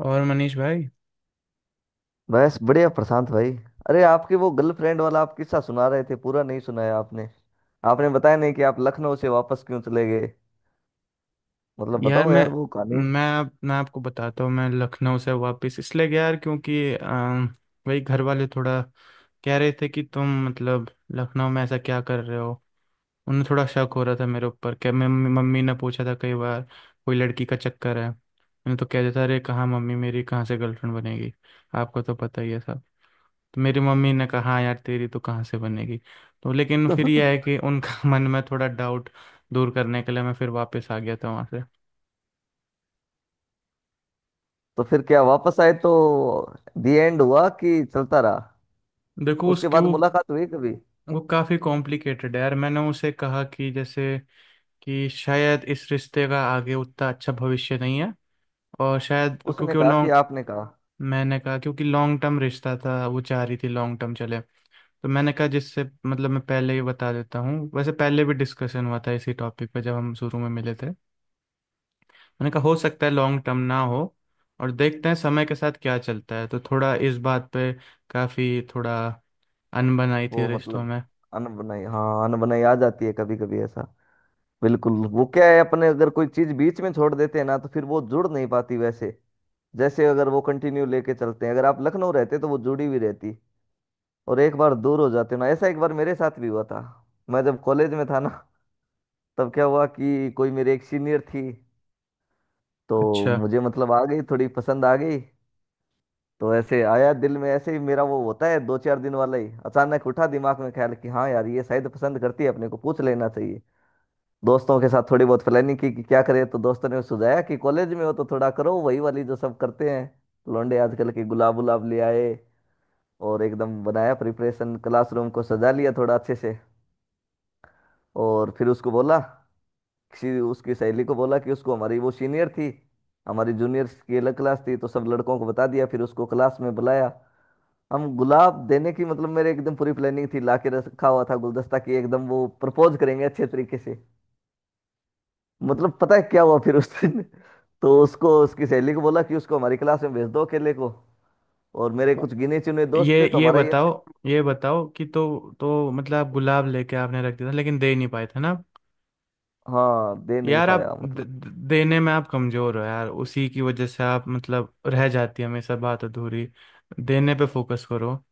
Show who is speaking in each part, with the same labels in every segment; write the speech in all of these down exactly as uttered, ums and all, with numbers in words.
Speaker 1: और मनीष भाई।
Speaker 2: बस बढ़िया प्रशांत भाई। अरे आपके वो गर्लफ्रेंड वाला आप किस्सा सुना रहे थे पूरा नहीं सुनाया आपने। आपने बताया नहीं कि आप लखनऊ से वापस क्यों चले गए। मतलब
Speaker 1: यार
Speaker 2: बताओ
Speaker 1: मैं
Speaker 2: यार वो कहानी।
Speaker 1: मैं आप- मैं आपको बताता हूँ। मैं लखनऊ से वापस इसलिए गया यार क्योंकि अम, वही घर वाले थोड़ा कह रहे थे कि तुम मतलब लखनऊ में ऐसा क्या कर रहे हो। उन्हें थोड़ा शक हो रहा था मेरे ऊपर। क्या मम्मी मम्मी ने पूछा था कई बार कोई लड़की का चक्कर है। मैंने तो कह देता, अरे कहाँ मम्मी, मेरी कहाँ से गर्लफ्रेंड बनेगी, आपको तो पता ही है सब। तो मेरी मम्मी ने कहा, "हाँ यार तेरी तो कहाँ से बनेगी।" तो लेकिन फिर यह है कि उनका मन में थोड़ा डाउट दूर करने के लिए मैं फिर वापस आ गया था वहाँ से।
Speaker 2: तो फिर क्या वापस आए तो दी एंड हुआ कि चलता रहा।
Speaker 1: देखो
Speaker 2: उसके
Speaker 1: उसकी
Speaker 2: बाद
Speaker 1: वो
Speaker 2: मुलाकात हुई कभी।
Speaker 1: वो काफ़ी कॉम्प्लिकेटेड है यार। मैंने उसे कहा कि जैसे कि शायद इस रिश्ते का आगे उतना अच्छा भविष्य नहीं है, और शायद
Speaker 2: उसने
Speaker 1: क्योंकि वो
Speaker 2: कहा कि
Speaker 1: लॉन्ग।
Speaker 2: आपने कहा।
Speaker 1: मैंने कहा क्योंकि लॉन्ग टर्म रिश्ता था, वो चाह रही थी लॉन्ग टर्म चले। तो मैंने कहा जिससे मतलब मैं पहले ही बता देता हूँ, वैसे पहले भी डिस्कशन हुआ था इसी टॉपिक पे जब हम शुरू में मिले थे। मैंने कहा हो सकता है लॉन्ग टर्म ना हो और देखते हैं समय के साथ क्या चलता है। तो थोड़ा इस बात पे काफ़ी थोड़ा अनबन आई थी
Speaker 2: वो
Speaker 1: रिश्तों
Speaker 2: मतलब
Speaker 1: में।
Speaker 2: अनबनाई, हाँ अनबनाई आ जाती है कभी कभी ऐसा। बिल्कुल वो क्या है अपने अगर कोई चीज बीच में छोड़ देते हैं ना तो फिर वो जुड़ नहीं पाती वैसे। जैसे अगर वो कंटिन्यू लेके चलते हैं अगर आप लखनऊ रहते तो वो जुड़ी हुई रहती। और एक बार दूर हो जाते ना, ऐसा एक बार मेरे साथ भी हुआ था। मैं जब कॉलेज में था ना तब क्या हुआ कि कोई मेरी एक सीनियर थी। तो
Speaker 1: अच्छा,
Speaker 2: मुझे मतलब आ गई थोड़ी पसंद आ गई। तो ऐसे आया दिल में, ऐसे ही मेरा वो होता है दो चार दिन वाला ही, अचानक उठा दिमाग में ख्याल कि हाँ यार ये शायद पसंद करती है अपने को, पूछ लेना चाहिए। दोस्तों के साथ थोड़ी बहुत प्लानिंग की कि क्या करें, तो दोस्तों ने सुझाया कि कॉलेज में हो तो थोड़ा करो वही वाली जो सब करते हैं। लौंडे आजकल के गुलाब गुलाब ले आए। और एकदम बनाया प्रिपरेशन, क्लासरूम को सजा लिया थोड़ा अच्छे से। और फिर उसको बोला, किसी उसकी सहेली को बोला कि उसको, हमारी वो सीनियर थी, हमारी जूनियर की अलग क्लास थी, तो सब लड़कों को बता दिया, फिर उसको क्लास में बुलाया। हम गुलाब देने की मतलब मेरे एकदम पूरी प्लानिंग थी, लाके रखा हुआ था गुलदस्ता की एकदम वो प्रपोज करेंगे अच्छे तरीके से। मतलब पता है क्या हुआ फिर उस दिन। तो उसको, उसकी सहेली को बोला कि उसको हमारी क्लास में भेज दो अकेले को। और मेरे कुछ गिने चुने
Speaker 1: ये
Speaker 2: दोस्त थे, तो
Speaker 1: ये
Speaker 2: हमारा ये
Speaker 1: बताओ
Speaker 2: था।
Speaker 1: ये बताओ कि तो तो मतलब आप गुलाब लेके आपने रख दिया था लेकिन दे नहीं पाए थे ना।
Speaker 2: हाँ दे नहीं
Speaker 1: यार आप
Speaker 2: पाया
Speaker 1: द,
Speaker 2: मतलब।
Speaker 1: द- देने में आप कमज़ोर हो यार, उसी की वजह से आप मतलब रह जाती है हमेशा बात अधूरी। देने पे फोकस करो।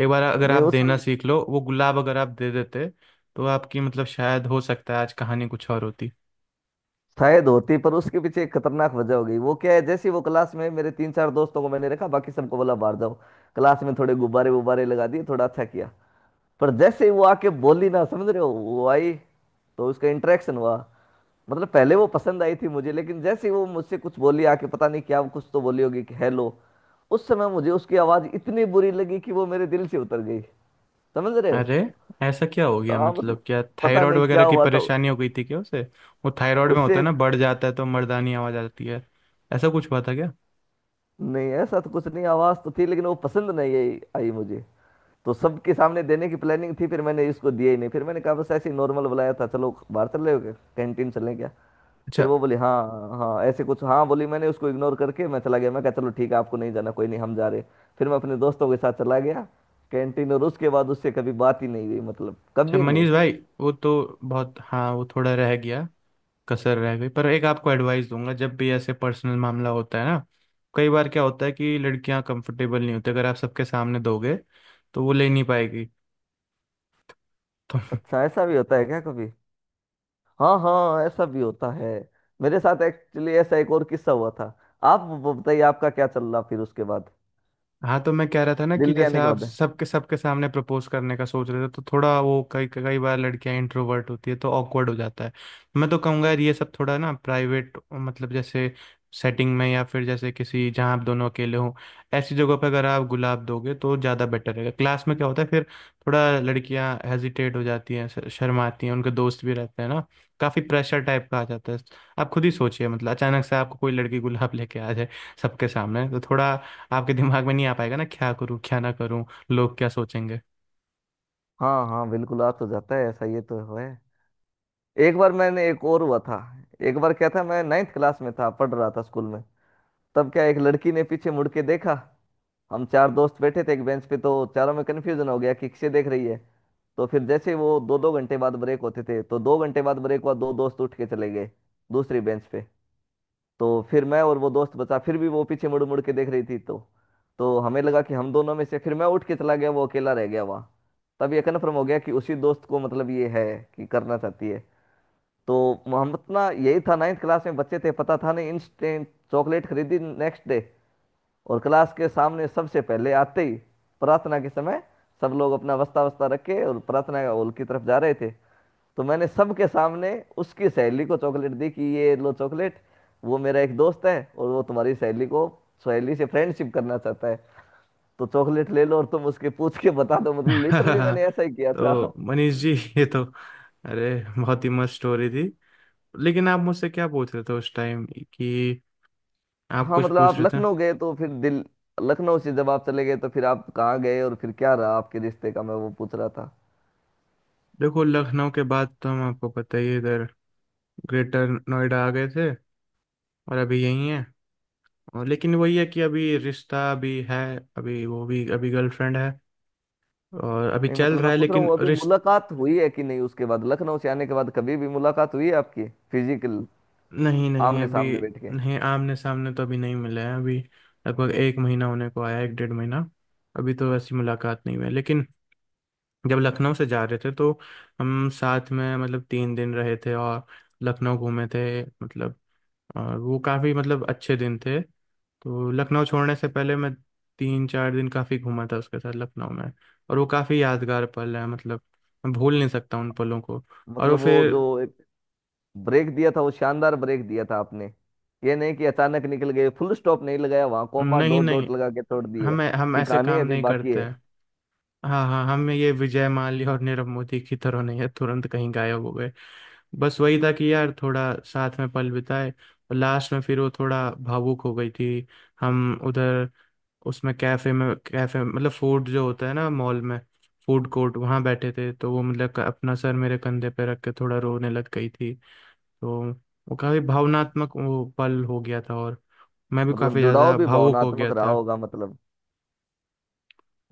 Speaker 1: एक बार अगर
Speaker 2: नहीं
Speaker 1: आप
Speaker 2: उस,
Speaker 1: देना सीख लो, वो गुलाब अगर आप दे देते तो आपकी मतलब शायद हो सकता है आज कहानी कुछ और होती।
Speaker 2: शायद होती, पर उसके पीछे एक खतरनाक वजह हो गई। वो क्या है, जैसे ही वो क्लास में, मेरे तीन चार दोस्तों को मैंने रखा, बाकी सबको बोला बाहर जाओ। क्लास में थोड़े गुब्बारे वुब्बारे लगा दिए थोड़ा अच्छा किया। पर जैसे ही वो आके बोली ना, समझ रहे हो, वो आई तो उसका इंटरेक्शन हुआ। मतलब पहले वो पसंद आई थी मुझे, लेकिन जैसे ही वो मुझसे कुछ बोली आके, पता नहीं क्या कुछ तो बोली होगी कि हेलो। उस समय मुझे उसकी आवाज इतनी बुरी लगी कि वो मेरे दिल से उतर गई। समझ रहे हो।
Speaker 1: अरे ऐसा क्या हो गया?
Speaker 2: हाँ
Speaker 1: मतलब
Speaker 2: मतलब
Speaker 1: क्या
Speaker 2: पता
Speaker 1: थायराइड
Speaker 2: नहीं क्या
Speaker 1: वगैरह की
Speaker 2: हुआ था
Speaker 1: परेशानी हो गई थी क्या उसे? वो थायराइड में
Speaker 2: उसे।
Speaker 1: होता है ना, बढ़ जाता है तो मर्दानी आवाज आ जाती है। ऐसा कुछ हुआ था क्या?
Speaker 2: नहीं ऐसा तो कुछ नहीं, आवाज तो थी, लेकिन वो पसंद नहीं आई आई मुझे। तो सबके सामने देने की प्लानिंग थी, फिर मैंने इसको दिया ही नहीं, फिर मैंने कहा बस ऐसे ही नॉर्मल बुलाया था, चलो बाहर चल रहे हो क्या, कैंटीन चलें क्या।
Speaker 1: अच्छा।
Speaker 2: फिर वो बोली हाँ हाँ ऐसे कुछ हाँ बोली, मैंने उसको इग्नोर करके मैं चला गया, मैं कहा चलो ठीक है आपको नहीं जाना कोई नहीं हम जा रहे। फिर मैं अपने दोस्तों के साथ चला गया कैंटीन, और उसके बाद उससे कभी बात ही नहीं हुई, मतलब
Speaker 1: अच्छा
Speaker 2: कभी नहीं।
Speaker 1: मनीष भाई, वो तो बहुत, हाँ वो थोड़ा रह गया, कसर रह गई। पर एक आपको एडवाइस दूंगा, जब भी ऐसे पर्सनल मामला होता है ना, कई बार क्या होता है कि लड़कियां कंफर्टेबल नहीं होती, अगर आप सबके सामने दोगे तो वो ले नहीं पाएगी।
Speaker 2: अच्छा ऐसा भी होता है क्या कभी। हाँ हाँ ऐसा भी होता है। मेरे साथ एक्चुअली ऐसा एक और किस्सा हुआ था। आप वो बताइए आपका क्या चल रहा फिर उसके बाद,
Speaker 1: हाँ तो मैं कह रहा था ना कि
Speaker 2: दिल्ली
Speaker 1: जैसे
Speaker 2: आने के
Speaker 1: आप
Speaker 2: बाद।
Speaker 1: सबके सबके सामने प्रपोज करने का सोच रहे थे, तो थोड़ा वो कई कई बार लड़कियां इंट्रोवर्ट होती है तो ऑकवर्ड हो जाता है। मैं तो कहूँगा यार ये सब थोड़ा ना प्राइवेट मतलब जैसे सेटिंग में, या फिर जैसे किसी जहाँ आप दोनों अकेले हों, ऐसी जगह पर अगर आप गुलाब दोगे तो ज़्यादा बेटर रहेगा। क्लास में क्या होता है फिर, थोड़ा लड़कियाँ हेजिटेट हो जाती हैं, श- शर्माती हैं, उनके दोस्त भी रहते हैं ना, काफ़ी प्रेशर टाइप का आ जाता है। आप खुद ही सोचिए, मतलब अचानक से आपको कोई लड़की गुलाब लेके आ जाए सबके सामने, तो थोड़ा आपके दिमाग में नहीं आ पाएगा ना, क्या करूं क्या ना करूं, लोग क्या सोचेंगे।
Speaker 2: हाँ हाँ बिल्कुल आ तो जाता है ऐसा, ये तो है। एक बार मैंने, एक और हुआ था। एक बार क्या था, मैं नाइन्थ क्लास में था, पढ़ रहा था स्कूल में। तब क्या, एक लड़की ने पीछे मुड़ के देखा। हम चार दोस्त बैठे थे एक बेंच पे, तो चारों में कन्फ्यूजन हो गया कि किसे देख रही है। तो फिर जैसे वो दो दो घंटे बाद ब्रेक होते थे, तो दो घंटे बाद ब्रेक हुआ, दो दोस्त उठ के चले गए दूसरी बेंच पे। तो फिर मैं और वो दोस्त बचा, फिर भी वो पीछे मुड़ मुड़ के देख रही थी, तो तो हमें लगा कि हम दोनों में से, फिर मैं उठ के चला गया, वो अकेला रह गया वहाँ। तब ये कन्फर्म हो गया कि उसी दोस्त को, मतलब ये है कि करना चाहती है तो। हम अपना यही था, नाइन्थ क्लास में बच्चे थे, पता था नहीं, इंस्टेंट चॉकलेट खरीदी नेक्स्ट डे। और क्लास के सामने सबसे पहले आते ही, प्रार्थना के समय, सब लोग अपना वस्ता वस्ता रखे और प्रार्थना के हॉल की तरफ जा रहे थे। तो मैंने सबके सामने उसकी सहेली को चॉकलेट दी कि ये लो चॉकलेट, वो मेरा एक दोस्त है और वो तुम्हारी सहेली को, सहेली से फ्रेंडशिप करना चाहता है, तो चॉकलेट ले लो और तुम उसके पूछ के बता दो। मतलब लिटरली
Speaker 1: तो
Speaker 2: मैंने ऐसा ही किया था।
Speaker 1: मनीष जी ये तो, अरे बहुत ही मस्त स्टोरी थी। लेकिन आप मुझसे क्या पूछ रहे थे उस टाइम कि, आप
Speaker 2: हाँ
Speaker 1: कुछ
Speaker 2: मतलब
Speaker 1: पूछ
Speaker 2: आप
Speaker 1: रहे थे।
Speaker 2: लखनऊ गए तो फिर दिल, लखनऊ से जब आप चले गए तो फिर आप कहाँ गए और फिर क्या रहा आपके रिश्ते का, मैं वो पूछ रहा था।
Speaker 1: देखो लखनऊ के बाद तो हम, आपको पता ही है, इधर ग्रेटर नोएडा आ गए थे और अभी यही है। और लेकिन वही है कि अभी रिश्ता भी है, अभी वो भी अभी गर्लफ्रेंड है, और अभी
Speaker 2: नहीं
Speaker 1: चल
Speaker 2: मतलब
Speaker 1: रहा
Speaker 2: मैं
Speaker 1: है
Speaker 2: पूछ रहा
Speaker 1: लेकिन
Speaker 2: हूँ अभी
Speaker 1: रिश्ता।
Speaker 2: मुलाकात हुई है कि नहीं उसके बाद, लखनऊ से आने के बाद कभी भी मुलाकात हुई है आपकी फिजिकल,
Speaker 1: नहीं नहीं
Speaker 2: आमने
Speaker 1: अभी।
Speaker 2: सामने बैठ के।
Speaker 1: नहीं आमने सामने तो अभी नहीं मिले हैं, अभी लगभग एक महीना होने को आया, एक डेढ़ महीना। अभी तो ऐसी मुलाकात नहीं हुई है। लेकिन जब लखनऊ से जा रहे थे, तो हम साथ में मतलब तीन दिन रहे थे और लखनऊ घूमे थे मतलब। और वो काफ़ी मतलब अच्छे दिन थे। तो लखनऊ छोड़ने से पहले मैं तीन चार दिन काफ़ी घूमा था उसके साथ लखनऊ में। और वो काफ़ी यादगार पल है मतलब, मैं भूल नहीं सकता उन पलों को। और वो
Speaker 2: मतलब वो
Speaker 1: फिर।
Speaker 2: जो एक ब्रेक दिया था, वो शानदार ब्रेक दिया था आपने, ये नहीं कि अचानक निकल गए, फुल स्टॉप नहीं लगाया वहां, कोमा
Speaker 1: नहीं
Speaker 2: डॉट
Speaker 1: नहीं,
Speaker 2: डॉट लगा के छोड़ दिए
Speaker 1: हम हम
Speaker 2: कि
Speaker 1: ऐसे
Speaker 2: कहानी
Speaker 1: काम
Speaker 2: अभी
Speaker 1: नहीं
Speaker 2: बाकी
Speaker 1: करते
Speaker 2: है।
Speaker 1: हैं। हाँ हाँ, हम ये विजय माल्या और नीरव मोदी की तरह नहीं है तुरंत कहीं गायब हो गए। बस वही था कि यार थोड़ा साथ में पल बिताए और लास्ट में फिर वो थोड़ा भावुक हो गई थी। हम उधर उसमें कैफे में, कैफे मतलब फूड जो होता है ना मॉल में, फूड कोर्ट, वहाँ बैठे थे तो वो मतलब अपना सर मेरे कंधे पे रख के थोड़ा रोने लग गई थी। तो वो काफी भावनात्मक वो पल हो गया था, और मैं भी काफी
Speaker 2: मतलब जुड़ाव
Speaker 1: ज्यादा
Speaker 2: भी
Speaker 1: भावुक हो गया
Speaker 2: भावनात्मक रहा
Speaker 1: था।
Speaker 2: होगा, मतलब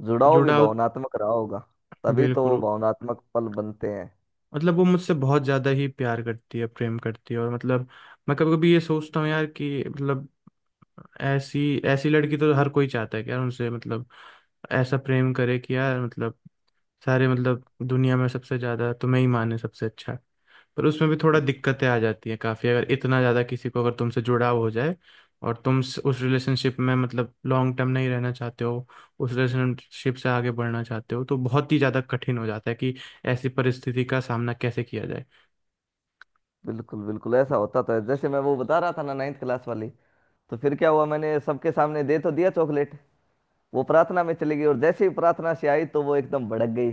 Speaker 2: जुड़ाव भी
Speaker 1: जुड़ाव,
Speaker 2: भावनात्मक रहा होगा, तभी तो वो
Speaker 1: बिल्कुल।
Speaker 2: भावनात्मक पल बनते हैं।
Speaker 1: मतलब वो मुझसे बहुत ज़्यादा ही प्यार करती है, प्रेम करती है, और मतलब मैं कभी कभी ये सोचता हूँ यार कि मतलब ऐसी, ऐसी लड़की तो हर कोई चाहता है कि यार उनसे मतलब ऐसा प्रेम करे कि यार मतलब सारे मतलब दुनिया में सबसे ज़्यादा तुम्हें ही माने सबसे अच्छा। पर उसमें भी थोड़ा दिक्कतें आ जाती हैं काफ़ी, अगर इतना ज़्यादा किसी को अगर तुमसे जुड़ाव हो जाए, और तुम स- उस रिलेशनशिप में मतलब लॉन्ग टर्म नहीं रहना चाहते हो, उस रिलेशनशिप से आगे बढ़ना चाहते हो, तो बहुत ही ज़्यादा कठिन हो जाता है कि ऐसी परिस्थिति का सामना कैसे किया जाए।
Speaker 2: बिल्कुल बिल्कुल ऐसा होता था, जैसे मैं वो बता रहा था ना, नाइन्थ क्लास वाली। तो फिर क्या हुआ, मैंने सबके सामने दे तो दिया चॉकलेट। वो प्रार्थना में चली गई, और जैसे ही प्रार्थना से आई तो वो एकदम भड़क गई।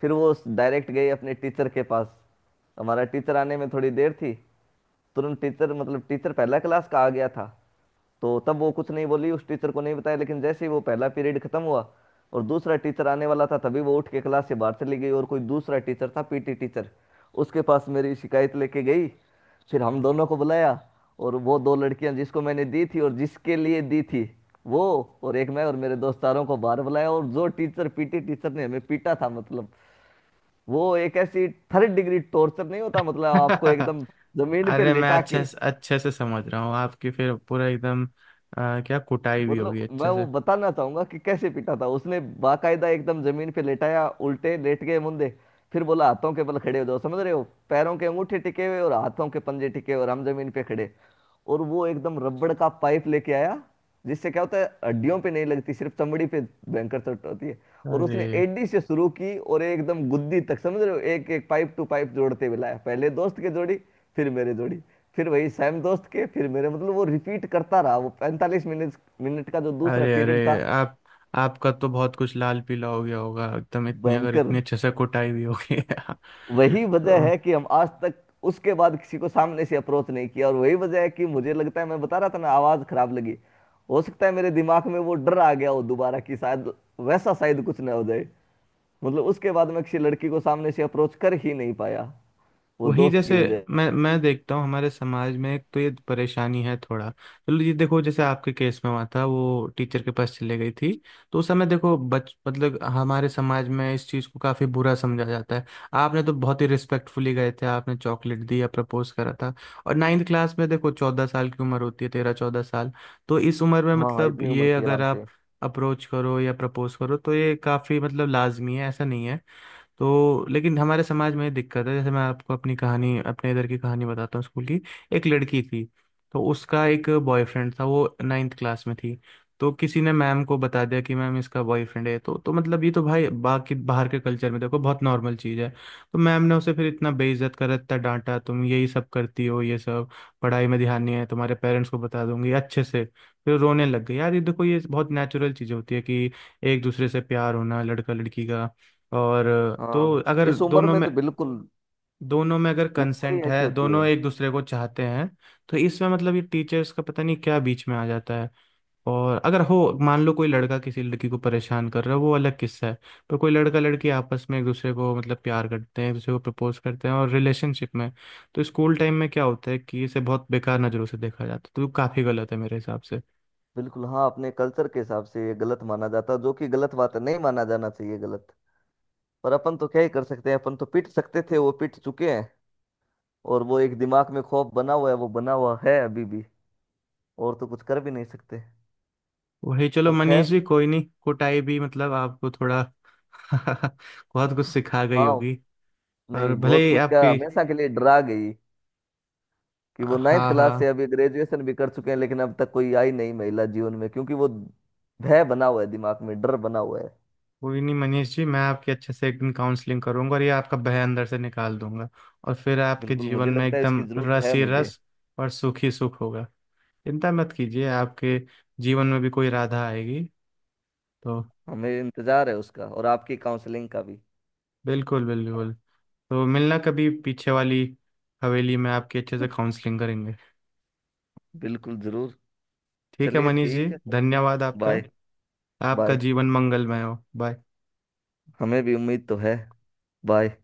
Speaker 2: फिर वो डायरेक्ट गई अपने टीचर के पास। हमारा टीचर आने में थोड़ी देर थी, तुरंत टीचर, मतलब टीचर, पहला क्लास का आ गया था। तो तब वो कुछ नहीं बोली, उस टीचर को नहीं बताया, लेकिन जैसे ही वो पहला पीरियड खत्म हुआ और दूसरा टीचर आने वाला था, तभी वो उठ के क्लास से बाहर चली गई, और कोई दूसरा टीचर था पीटी टीचर, उसके पास मेरी शिकायत लेके गई। फिर हम दोनों को बुलाया, और वो दो लड़कियां जिसको मैंने दी थी और जिसके लिए दी थी वो, और एक मैं और मेरे दोस्तारों को बाहर बुलाया, और जो टीचर पीटी टीचर ने हमें पीटा था, मतलब वो एक ऐसी, थर्ड डिग्री टॉर्चर नहीं होता, मतलब आपको एकदम जमीन पे
Speaker 1: अरे मैं
Speaker 2: लेटा
Speaker 1: अच्छे
Speaker 2: के।
Speaker 1: से अच्छे से समझ रहा हूँ। आपकी फिर पूरा एकदम अ, क्या कुटाई भी
Speaker 2: मतलब
Speaker 1: होगी
Speaker 2: मैं
Speaker 1: अच्छे
Speaker 2: वो
Speaker 1: से।
Speaker 2: बताना चाहूंगा कि कैसे पीटा था उसने। बाकायदा एकदम जमीन पे लेटाया, उल्टे लेट गए मुंदे, फिर बोला हाथों के बल खड़े हो जाओ, समझ रहे हो, पैरों के अंगूठे टिके हुए और हाथों के पंजे टिके हुए और हम जमीन पे खड़े। और वो एकदम रबड़ का पाइप लेके आया, जिससे क्या होता है हड्डियों पे नहीं लगती, सिर्फ चमड़ी पे भयंकर चोट होती है। और
Speaker 1: अरे
Speaker 2: उसने एडी से शुरू की और एकदम गुद्दी तक, समझ रहे हो, एक एक पाइप टू पाइप जोड़ते हुए लाया, पहले दोस्त के जोड़ी, फिर मेरे जोड़ी, फिर वही सैम दोस्त के, फिर मेरे, मतलब वो रिपीट करता रहा वो पैंतालीस मिनट मिनट का जो दूसरा
Speaker 1: अरे अरे,
Speaker 2: पीरियड था।
Speaker 1: आप आपका तो बहुत कुछ लाल पीला हो गया होगा एकदम, इतनी अगर
Speaker 2: भयंकर।
Speaker 1: इतनी अच्छे से कुटाई हुई होगी
Speaker 2: वही वजह
Speaker 1: तो।
Speaker 2: है कि हम आज तक उसके बाद किसी को सामने से अप्रोच नहीं किया, और वही वजह है कि मुझे लगता है, मैं बता रहा था ना आवाज खराब लगी, हो सकता है मेरे दिमाग में वो डर आ गया हो दोबारा कि शायद वैसा शायद कुछ ना हो जाए। मतलब उसके बाद मैं किसी लड़की को सामने से अप्रोच कर ही नहीं पाया, वो
Speaker 1: वही
Speaker 2: दोस्त की
Speaker 1: जैसे
Speaker 2: वजह
Speaker 1: मैं
Speaker 2: से।
Speaker 1: मैं देखता हूँ हमारे समाज में, एक तो ये परेशानी है। थोड़ा चलो ये देखो, जैसे आपके केस में हुआ था वो टीचर के पास चले गई थी। तो उस समय देखो बच मतलब हमारे समाज में इस चीज़ को काफ़ी बुरा समझा जाता है। आपने तो बहुत ही रिस्पेक्टफुली गए थे, आपने चॉकलेट दी या प्रपोज करा था। और नाइन्थ क्लास में देखो चौदह साल की उम्र होती है, तेरह चौदह साल। तो इस उम्र में
Speaker 2: हाँ हाँ
Speaker 1: मतलब
Speaker 2: इतनी उम्र
Speaker 1: ये
Speaker 2: थी
Speaker 1: अगर
Speaker 2: आराम
Speaker 1: आप
Speaker 2: से।
Speaker 1: अप्रोच करो या प्रपोज करो तो ये काफ़ी मतलब लाजमी है, ऐसा नहीं है। तो लेकिन हमारे समाज में ये दिक्कत है। जैसे मैं आपको अपनी कहानी, अपने इधर की कहानी बताता हूँ स्कूल की। एक लड़की थी, तो उसका एक बॉयफ्रेंड था, वो नाइन्थ क्लास में थी। तो किसी ने मैम को बता दिया कि मैम इसका बॉयफ्रेंड है, तो तो मतलब ये तो भाई, बाकी बाहर के कल्चर में देखो बहुत नॉर्मल चीज़ है। तो मैम ने उसे फिर इतना बेइज्जत करा, इतना डांटा, तुम यही सब करती हो ये सब, पढ़ाई में ध्यान नहीं है, तुम्हारे पेरेंट्स को बता दूंगी अच्छे से। फिर रोने लग गई यार। ये देखो ये बहुत नेचुरल चीज़ होती है कि एक दूसरे से प्यार होना लड़का लड़की का। और तो
Speaker 2: हाँ
Speaker 1: अगर
Speaker 2: इस उम्र
Speaker 1: दोनों
Speaker 2: में
Speaker 1: में
Speaker 2: तो बिल्कुल,
Speaker 1: दोनों में अगर
Speaker 2: ये उम्र ही
Speaker 1: कंसेंट
Speaker 2: ऐसी
Speaker 1: है,
Speaker 2: होती
Speaker 1: दोनों
Speaker 2: है।
Speaker 1: एक दूसरे को चाहते हैं, तो इसमें मतलब ये टीचर्स का पता नहीं क्या बीच में आ जाता है। और अगर हो, मान लो कोई लड़का किसी लड़की को परेशान कर रहा है, वो अलग किस्सा है। पर कोई लड़का लड़की आपस में एक दूसरे को मतलब प्यार करते हैं, एक दूसरे को प्रपोज करते हैं और रिलेशनशिप में। तो स्कूल टाइम में क्या होता है कि इसे बहुत बेकार नज़रों से देखा जाता है, तो काफ़ी गलत है मेरे हिसाब से।
Speaker 2: बिल्कुल हाँ, अपने कल्चर के हिसाब से ये गलत माना जाता, जो कि गलत बात है, नहीं माना जाना चाहिए गलत। पर अपन तो क्या ही कर सकते हैं, अपन तो पीट सकते थे, वो पीट चुके हैं। और वो एक दिमाग में खौफ बना हुआ है, वो बना हुआ है अभी भी, और तो कुछ कर भी नहीं सकते।
Speaker 1: वही चलो
Speaker 2: पर
Speaker 1: मनीष
Speaker 2: खैर,
Speaker 1: जी, कोई नहीं, कुटाई भी मतलब आपको थोड़ा बहुत कुछ सिखा गई
Speaker 2: हाँ।
Speaker 1: होगी।
Speaker 2: नहीं
Speaker 1: और भले
Speaker 2: बहुत
Speaker 1: ही
Speaker 2: कुछ क्या,
Speaker 1: आपकी।
Speaker 2: हमेशा के लिए डरा गई कि वो नाइन्थ
Speaker 1: हाँ
Speaker 2: क्लास से
Speaker 1: हाँ,
Speaker 2: अभी ग्रेजुएशन भी कर चुके हैं, लेकिन अब तक कोई आई नहीं महिला जीवन में, क्योंकि वो भय बना हुआ है दिमाग में, डर बना हुआ है।
Speaker 1: कोई नहीं मनीष जी, मैं आपकी अच्छे से एकदम काउंसलिंग करूंगा और ये आपका भय अंदर से निकाल दूंगा। और फिर आपके
Speaker 2: बिल्कुल
Speaker 1: जीवन
Speaker 2: मुझे
Speaker 1: में
Speaker 2: लगता है इसकी
Speaker 1: एकदम
Speaker 2: जरूरत
Speaker 1: रस
Speaker 2: है
Speaker 1: ही
Speaker 2: मुझे।
Speaker 1: रस, और सुख ही सुख होगा। चिंता मत कीजिए, आपके जीवन में भी कोई राधा आएगी तो।
Speaker 2: हमें इंतजार है उसका, और आपकी काउंसलिंग का भी।
Speaker 1: बिल्कुल, बिल्कुल। तो मिलना कभी, पीछे वाली हवेली में आपकी अच्छे से काउंसलिंग करेंगे।
Speaker 2: बिल्कुल जरूर।
Speaker 1: ठीक है
Speaker 2: चलिए
Speaker 1: मनीष जी,
Speaker 2: ठीक है।
Speaker 1: धन्यवाद आपका।
Speaker 2: बाय।
Speaker 1: आपका
Speaker 2: बाय।
Speaker 1: जीवन मंगलमय हो। बाय।
Speaker 2: हमें भी उम्मीद तो है। बाय।